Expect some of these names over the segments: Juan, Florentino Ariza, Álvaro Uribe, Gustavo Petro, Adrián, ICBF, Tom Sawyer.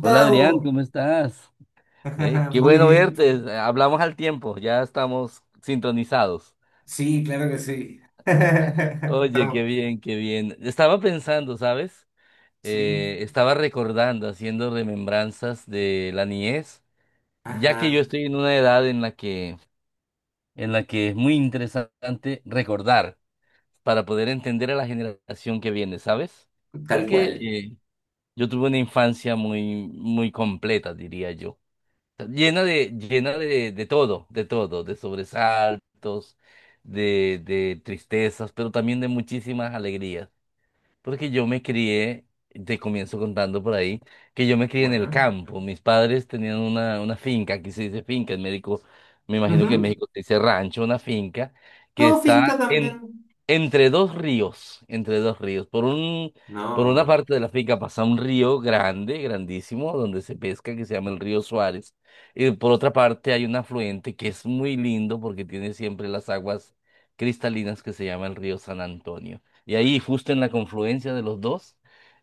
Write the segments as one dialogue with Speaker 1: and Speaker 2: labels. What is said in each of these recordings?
Speaker 1: Hola Adrián, ¿cómo estás? Qué
Speaker 2: Muy
Speaker 1: bueno
Speaker 2: bien.
Speaker 1: verte. Hablamos al tiempo, ya estamos sintonizados.
Speaker 2: Sí, claro que sí.
Speaker 1: Oye, qué
Speaker 2: Estamos.
Speaker 1: bien, qué bien. Estaba pensando, ¿sabes?
Speaker 2: Sí.
Speaker 1: Estaba recordando, haciendo remembranzas de la niñez, ya que
Speaker 2: Ajá,
Speaker 1: yo estoy en una edad en la que es muy interesante recordar para poder entender a la generación que viene, ¿sabes?
Speaker 2: tal
Speaker 1: Porque
Speaker 2: cual.
Speaker 1: eh, yo tuve una infancia muy, muy completa, diría yo. Llena de todo, de sobresaltos, de tristezas, pero también de muchísimas alegrías. Porque yo me crié, te comienzo contando por ahí, que yo me crié en el
Speaker 2: Bueno.
Speaker 1: campo. Mis padres tenían una finca, aquí se dice finca, en México, me imagino que en
Speaker 2: Ujú.
Speaker 1: México se dice rancho, una finca, que
Speaker 2: No,
Speaker 1: está
Speaker 2: finca también.
Speaker 1: entre dos ríos, entre dos ríos. Por una
Speaker 2: No,
Speaker 1: parte de la finca pasa un río grande, grandísimo, donde se pesca, que se llama el río Suárez. Y por otra parte hay un afluente que es muy lindo porque tiene siempre las aguas cristalinas que se llama el río San Antonio. Y ahí, justo en la confluencia de los dos,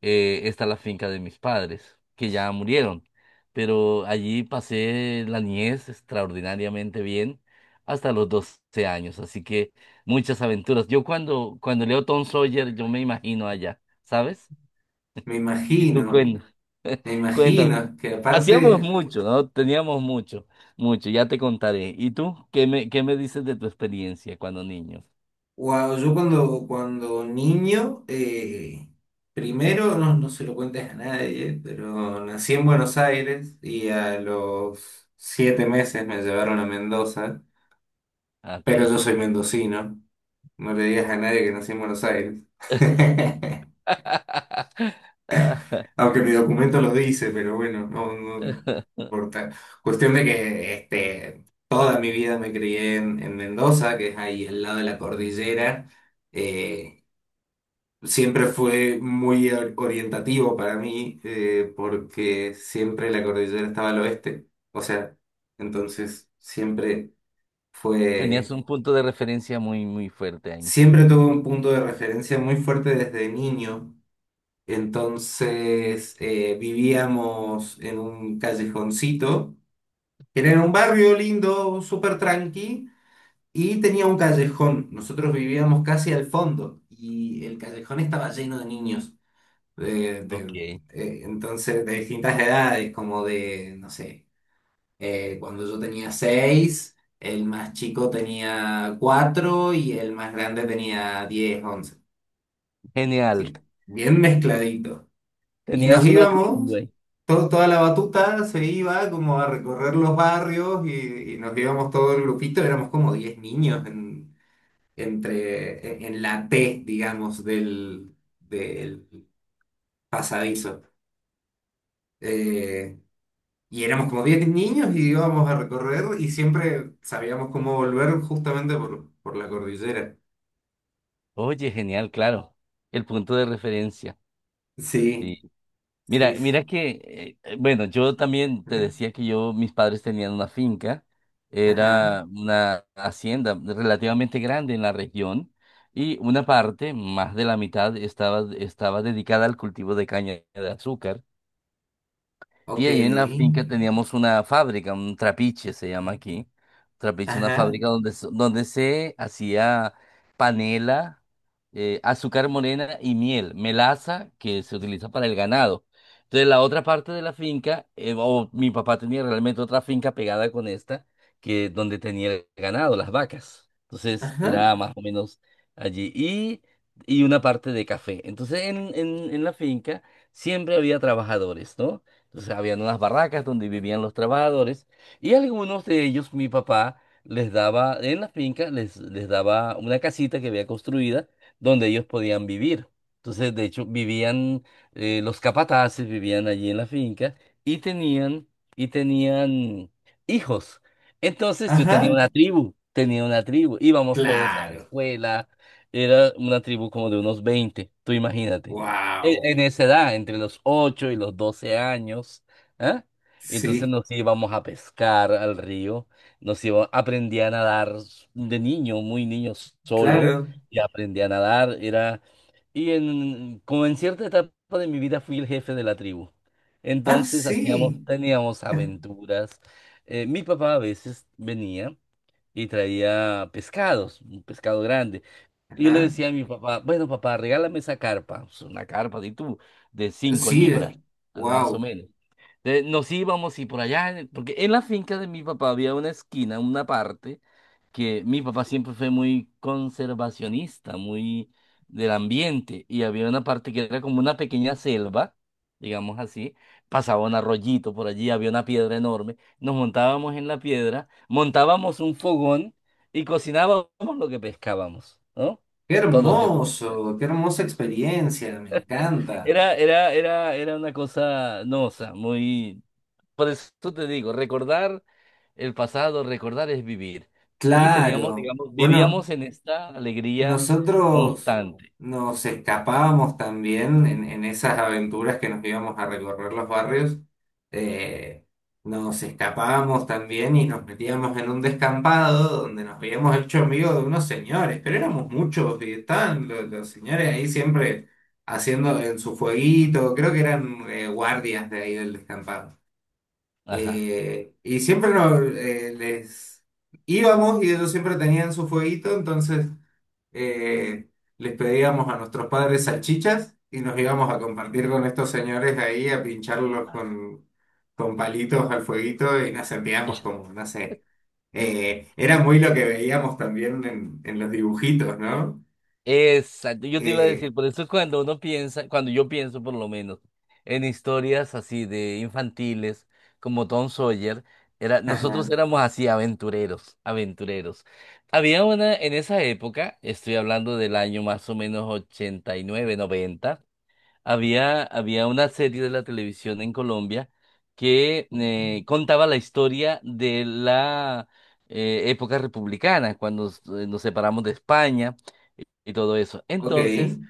Speaker 1: está la finca de mis padres, que ya murieron. Pero allí pasé la niñez extraordinariamente bien hasta los 12 años. Así que muchas aventuras. Yo cuando leo Tom Sawyer, yo me imagino allá, ¿sabes?
Speaker 2: me
Speaker 1: Y tú
Speaker 2: imagino, me
Speaker 1: cuéntame.
Speaker 2: imagino que
Speaker 1: Hacíamos
Speaker 2: aparte,
Speaker 1: mucho, ¿no? Teníamos mucho, mucho. Ya te contaré. ¿Y tú qué me dices de tu experiencia cuando niño?
Speaker 2: wow, yo cuando niño, primero, no, no se lo cuentes a nadie, pero nací en Buenos Aires y a los siete meses me llevaron a Mendoza,
Speaker 1: Ok.
Speaker 2: pero yo soy mendocino. No le digas a nadie que nací en Buenos Aires.
Speaker 1: Ah.
Speaker 2: Aunque mi documento lo dice, pero bueno, no, no importa. Cuestión de que este, toda mi vida me crié en Mendoza, que es ahí al lado de la cordillera. Eh, Siempre fue muy orientativo para mí, porque siempre la cordillera estaba al oeste. O sea, entonces siempre
Speaker 1: Tenías
Speaker 2: fue,
Speaker 1: un punto de referencia muy, muy fuerte ahí.
Speaker 2: siempre tuve un punto de referencia muy fuerte desde niño. Vivíamos en un callejoncito, que era en un barrio lindo, súper tranqui, y tenía un callejón. Nosotros vivíamos casi al fondo y el callejón estaba lleno de niños, de- de-
Speaker 1: Ok,
Speaker 2: entonces de distintas edades, como de, no sé, cuando yo tenía seis, el más chico tenía cuatro y el más grande tenía diez, once.
Speaker 1: genial.
Speaker 2: Sí, bien mezcladito. Y nos
Speaker 1: Tenías una
Speaker 2: íbamos,
Speaker 1: tribu.
Speaker 2: toda la batuta se iba como a recorrer los barrios y nos íbamos todo el grupito, éramos como 10 niños en, entre, en la T, digamos, del pasadizo. Eh, y éramos como 10 niños y íbamos a recorrer y siempre sabíamos cómo volver justamente por la cordillera.
Speaker 1: Oye, genial, claro. El punto de referencia.
Speaker 2: Sí,
Speaker 1: Sí. Mira,
Speaker 2: sí,
Speaker 1: mira
Speaker 2: sí.
Speaker 1: que, bueno, yo también te decía que yo, mis padres tenían una finca,
Speaker 2: Ajá,
Speaker 1: era una hacienda relativamente grande en la región y una parte, más de la mitad, estaba dedicada al cultivo de caña de azúcar. Y
Speaker 2: ok.
Speaker 1: ahí en la finca teníamos una fábrica, un trapiche se llama aquí. Trapiche, una
Speaker 2: Ajá,
Speaker 1: fábrica donde se hacía panela, azúcar morena y miel, melaza que se utiliza para el ganado. Entonces la otra parte de la finca, o mi papá tenía realmente otra finca pegada con esta, que donde tenía el ganado, las vacas. Entonces
Speaker 2: ajá,
Speaker 1: era más o menos allí. Y una parte de café. Entonces en la finca siempre había trabajadores, ¿no? Entonces habían unas barracas donde vivían los trabajadores y algunos de ellos, mi papá, les daba, en la finca, les daba una casita que había construida donde ellos podían vivir. Entonces, de hecho, los capataces vivían allí en la finca y tenían, y tenían hijos. Entonces yo
Speaker 2: ajá.
Speaker 1: tenía una tribu, íbamos todos a la
Speaker 2: Claro.
Speaker 1: escuela, era una tribu como de unos 20. Tú imagínate
Speaker 2: Wow.
Speaker 1: en esa edad, entre los 8 y los 12 años, ¿ah? Entonces
Speaker 2: Sí,
Speaker 1: nos íbamos a pescar al río, aprendí a nadar de niño, muy niño solo,
Speaker 2: claro.
Speaker 1: y aprendí a nadar, como en cierta etapa de mi vida fui el jefe de la tribu.
Speaker 2: Ah,
Speaker 1: Entonces
Speaker 2: sí.
Speaker 1: teníamos aventuras. Mi papá a veces venía y traía pescados, un pescado grande. Y yo le
Speaker 2: Ajá.
Speaker 1: decía a mi papá, bueno, papá, regálame esa carpa, pues, una carpa de tú, de cinco
Speaker 2: Sí,
Speaker 1: libras, más o
Speaker 2: wow.
Speaker 1: menos. Entonces, nos íbamos y por allá, porque en la finca de mi papá había una esquina, una parte, que mi papá siempre fue muy conservacionista, muy del ambiente, y había una parte que era como una pequeña selva, digamos así, pasaba un arroyito por allí, había una piedra enorme, nos montábamos en la piedra, montábamos un fogón y cocinábamos lo que pescábamos, ¿no?
Speaker 2: Qué
Speaker 1: Todos esos muchachos.
Speaker 2: hermoso, qué hermosa experiencia, me encanta.
Speaker 1: Era una cosa, no, o sea, muy. Por eso te digo, recordar el pasado, recordar es vivir. Y teníamos,
Speaker 2: Claro.
Speaker 1: digamos,
Speaker 2: Bueno,
Speaker 1: vivíamos en esta alegría
Speaker 2: nosotros
Speaker 1: constante.
Speaker 2: nos escapábamos también en esas aventuras que nos íbamos a recorrer los barrios. eh, Nos escapábamos también y nos metíamos en un descampado donde nos habíamos hecho amigos de unos señores, pero éramos muchos y estaban los señores ahí siempre haciendo en su fueguito, creo que eran guardias de ahí del descampado.
Speaker 1: Ajá.
Speaker 2: Y siempre nos, les íbamos y ellos siempre tenían su fueguito, entonces eh, les pedíamos a nuestros padres salchichas y nos íbamos a compartir con estos señores ahí, a pincharlos con palitos al fueguito y nos sentíamos como, no sé, era muy lo que veíamos también en los dibujitos, ¿no?
Speaker 1: Exacto, yo te iba a
Speaker 2: Eh,
Speaker 1: decir, por eso cuando uno piensa, cuando yo pienso por lo menos en historias así de infantiles como Tom Sawyer,
Speaker 2: ajá,
Speaker 1: nosotros éramos así aventureros, aventureros. Había una en esa época, estoy hablando del año más o menos 89, 90. Había una serie de la televisión en Colombia que contaba la historia de la época republicana, cuando nos separamos de España y todo eso.
Speaker 2: ok.
Speaker 1: Entonces,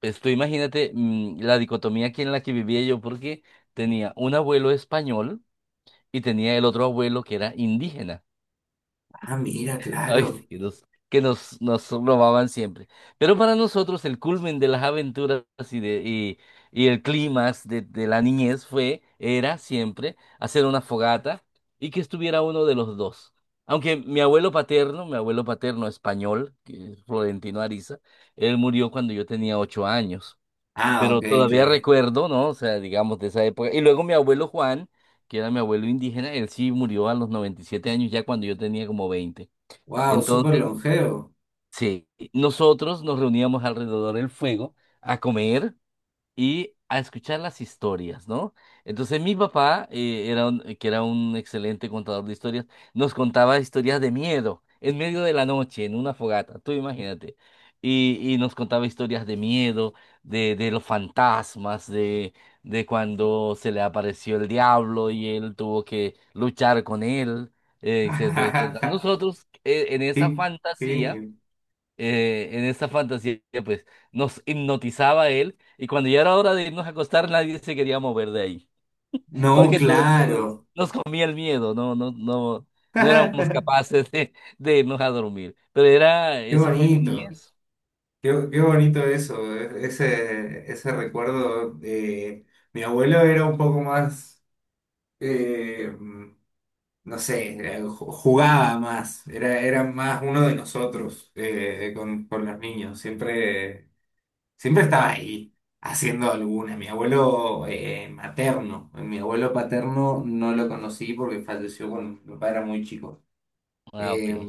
Speaker 1: pues tú imagínate la dicotomía aquí en la que vivía yo, porque tenía un abuelo español y tenía el otro abuelo que era indígena.
Speaker 2: Ah, mira,
Speaker 1: Ay,
Speaker 2: claro.
Speaker 1: sí, nos robaban siempre. Pero para nosotros el culmen de las aventuras y, de, y, y el clímax de la niñez era siempre hacer una fogata y que estuviera uno de los dos. Aunque mi abuelo paterno español, que es Florentino Ariza, él murió cuando yo tenía 8 años.
Speaker 2: Ah, ok,
Speaker 1: Pero todavía
Speaker 2: claro.
Speaker 1: recuerdo, ¿no? O sea, digamos de esa época. Y luego mi abuelo Juan, que era mi abuelo indígena, él sí murió a los 97 años, ya cuando yo tenía como 20.
Speaker 2: Wow, súper
Speaker 1: Entonces,
Speaker 2: longevo.
Speaker 1: sí, nosotros nos reuníamos alrededor del fuego a comer y a escuchar las historias, ¿no? Entonces mi papá, que era un excelente contador de historias, nos contaba historias de miedo en medio de la noche, en una fogata, tú imagínate. Y nos contaba historias de miedo, de los fantasmas, de cuando se le apareció el diablo y él tuvo que luchar con él, etcétera, etcétera. Nosotros, en esa
Speaker 2: Qué
Speaker 1: fantasía
Speaker 2: genio.
Speaker 1: eh, en esa fantasía, pues nos hipnotizaba él y cuando ya era hora de irnos a acostar, nadie se quería mover de ahí,
Speaker 2: No,
Speaker 1: porque todo el mundo nos,
Speaker 2: claro.
Speaker 1: nos comía el miedo, no, no, no, no éramos
Speaker 2: Qué
Speaker 1: capaces de irnos a dormir. Pero esa fue mi
Speaker 2: bonito.
Speaker 1: niñez.
Speaker 2: Qué, qué bonito eso, ese, ese recuerdo. Mi abuelo era un poco más, eh, no sé, jugaba más, era, era más uno de nosotros, con los niños, siempre, siempre estaba ahí haciendo alguna. Mi abuelo, materno, mi abuelo paterno no lo conocí porque falleció cuando mi papá era muy chico.
Speaker 1: Ah,
Speaker 2: Eh,
Speaker 1: ok.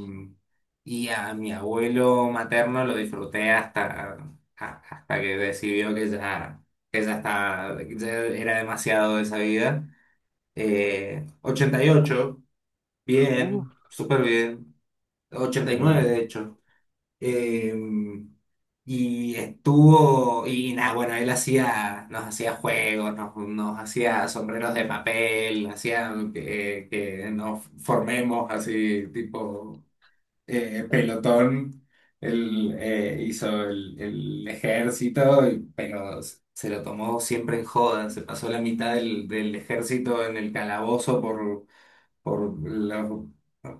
Speaker 2: y a mi abuelo materno lo disfruté hasta, hasta que decidió que ya, que ya era demasiado de esa vida. 88,
Speaker 1: Uh,
Speaker 2: bien, súper bien.
Speaker 1: Muy
Speaker 2: 89, de
Speaker 1: bien.
Speaker 2: hecho. Eh, y estuvo, y nada, bueno, él hacía, nos hacía juegos, nos hacía sombreros de papel, hacía que nos formemos así, tipo pelotón, hizo el ejército, pero se lo tomó siempre en joda. Se pasó la mitad del ejército en el calabozo por, la-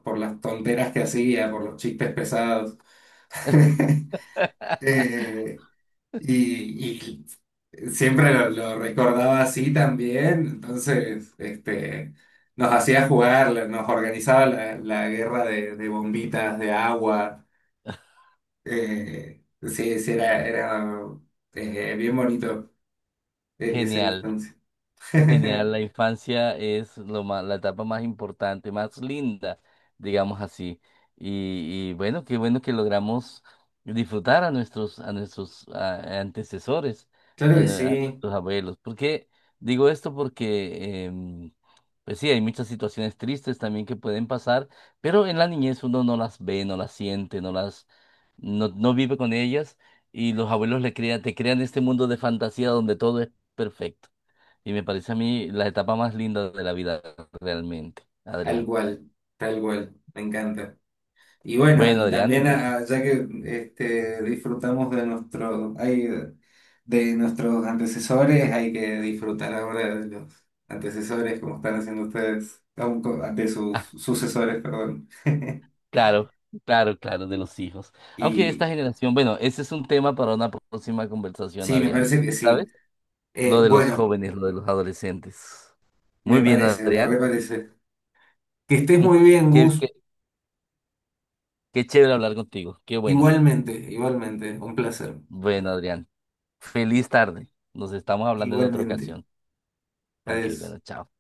Speaker 2: por las tonteras que hacía, por los chistes pesados. Eh, y siempre lo recordaba así también, entonces este, nos hacía jugar, nos organizaba la, la guerra de bombitas de agua. Sí, sí, era, era bien bonito, esa
Speaker 1: Genial.
Speaker 2: infancia.
Speaker 1: Genial, la infancia es la etapa más importante, más linda, digamos así. Y bueno, qué bueno que logramos disfrutar a nuestros, a nuestros antecesores,
Speaker 2: Claro
Speaker 1: a,
Speaker 2: que
Speaker 1: nue- a
Speaker 2: sí,
Speaker 1: nuestros abuelos. ¿Por qué digo esto? Porque, pues sí, hay muchas situaciones tristes también que pueden pasar, pero en la niñez uno no las ve, no las siente, no, no vive con ellas y los abuelos te crean este mundo de fantasía donde todo es perfecto. Y me parece a mí la etapa más linda de la vida realmente,
Speaker 2: tal
Speaker 1: Adrián.
Speaker 2: cual, tal cual, me encanta. Y bueno,
Speaker 1: Bueno,
Speaker 2: y
Speaker 1: Adrián,
Speaker 2: también
Speaker 1: entonces,
Speaker 2: ah, ya que este, disfrutamos de nuestro, ay, de nuestros antecesores, hay que disfrutar ahora de los antecesores, como están haciendo ustedes, de sus
Speaker 1: ah,
Speaker 2: sucesores, perdón.
Speaker 1: claro, claro, claro, de los hijos. Aunque esta
Speaker 2: Y
Speaker 1: generación, bueno, ese es un tema para una próxima conversación,
Speaker 2: sí, me
Speaker 1: Adrián.
Speaker 2: parece que
Speaker 1: ¿Sabes?
Speaker 2: sí.
Speaker 1: Lo de los
Speaker 2: Bueno,
Speaker 1: jóvenes, lo de los adolescentes.
Speaker 2: me
Speaker 1: Muy bien,
Speaker 2: parece, me
Speaker 1: Adrián.
Speaker 2: reparece. Que estés muy bien,
Speaker 1: Qué,
Speaker 2: Gus.
Speaker 1: qué, qué chévere hablar contigo. Qué bueno.
Speaker 2: Igualmente, igualmente. Un placer.
Speaker 1: Bueno, Adrián. Feliz tarde. Nos estamos hablando en otra
Speaker 2: Igualmente.
Speaker 1: ocasión. Ok,
Speaker 2: Adiós.
Speaker 1: bueno, chao.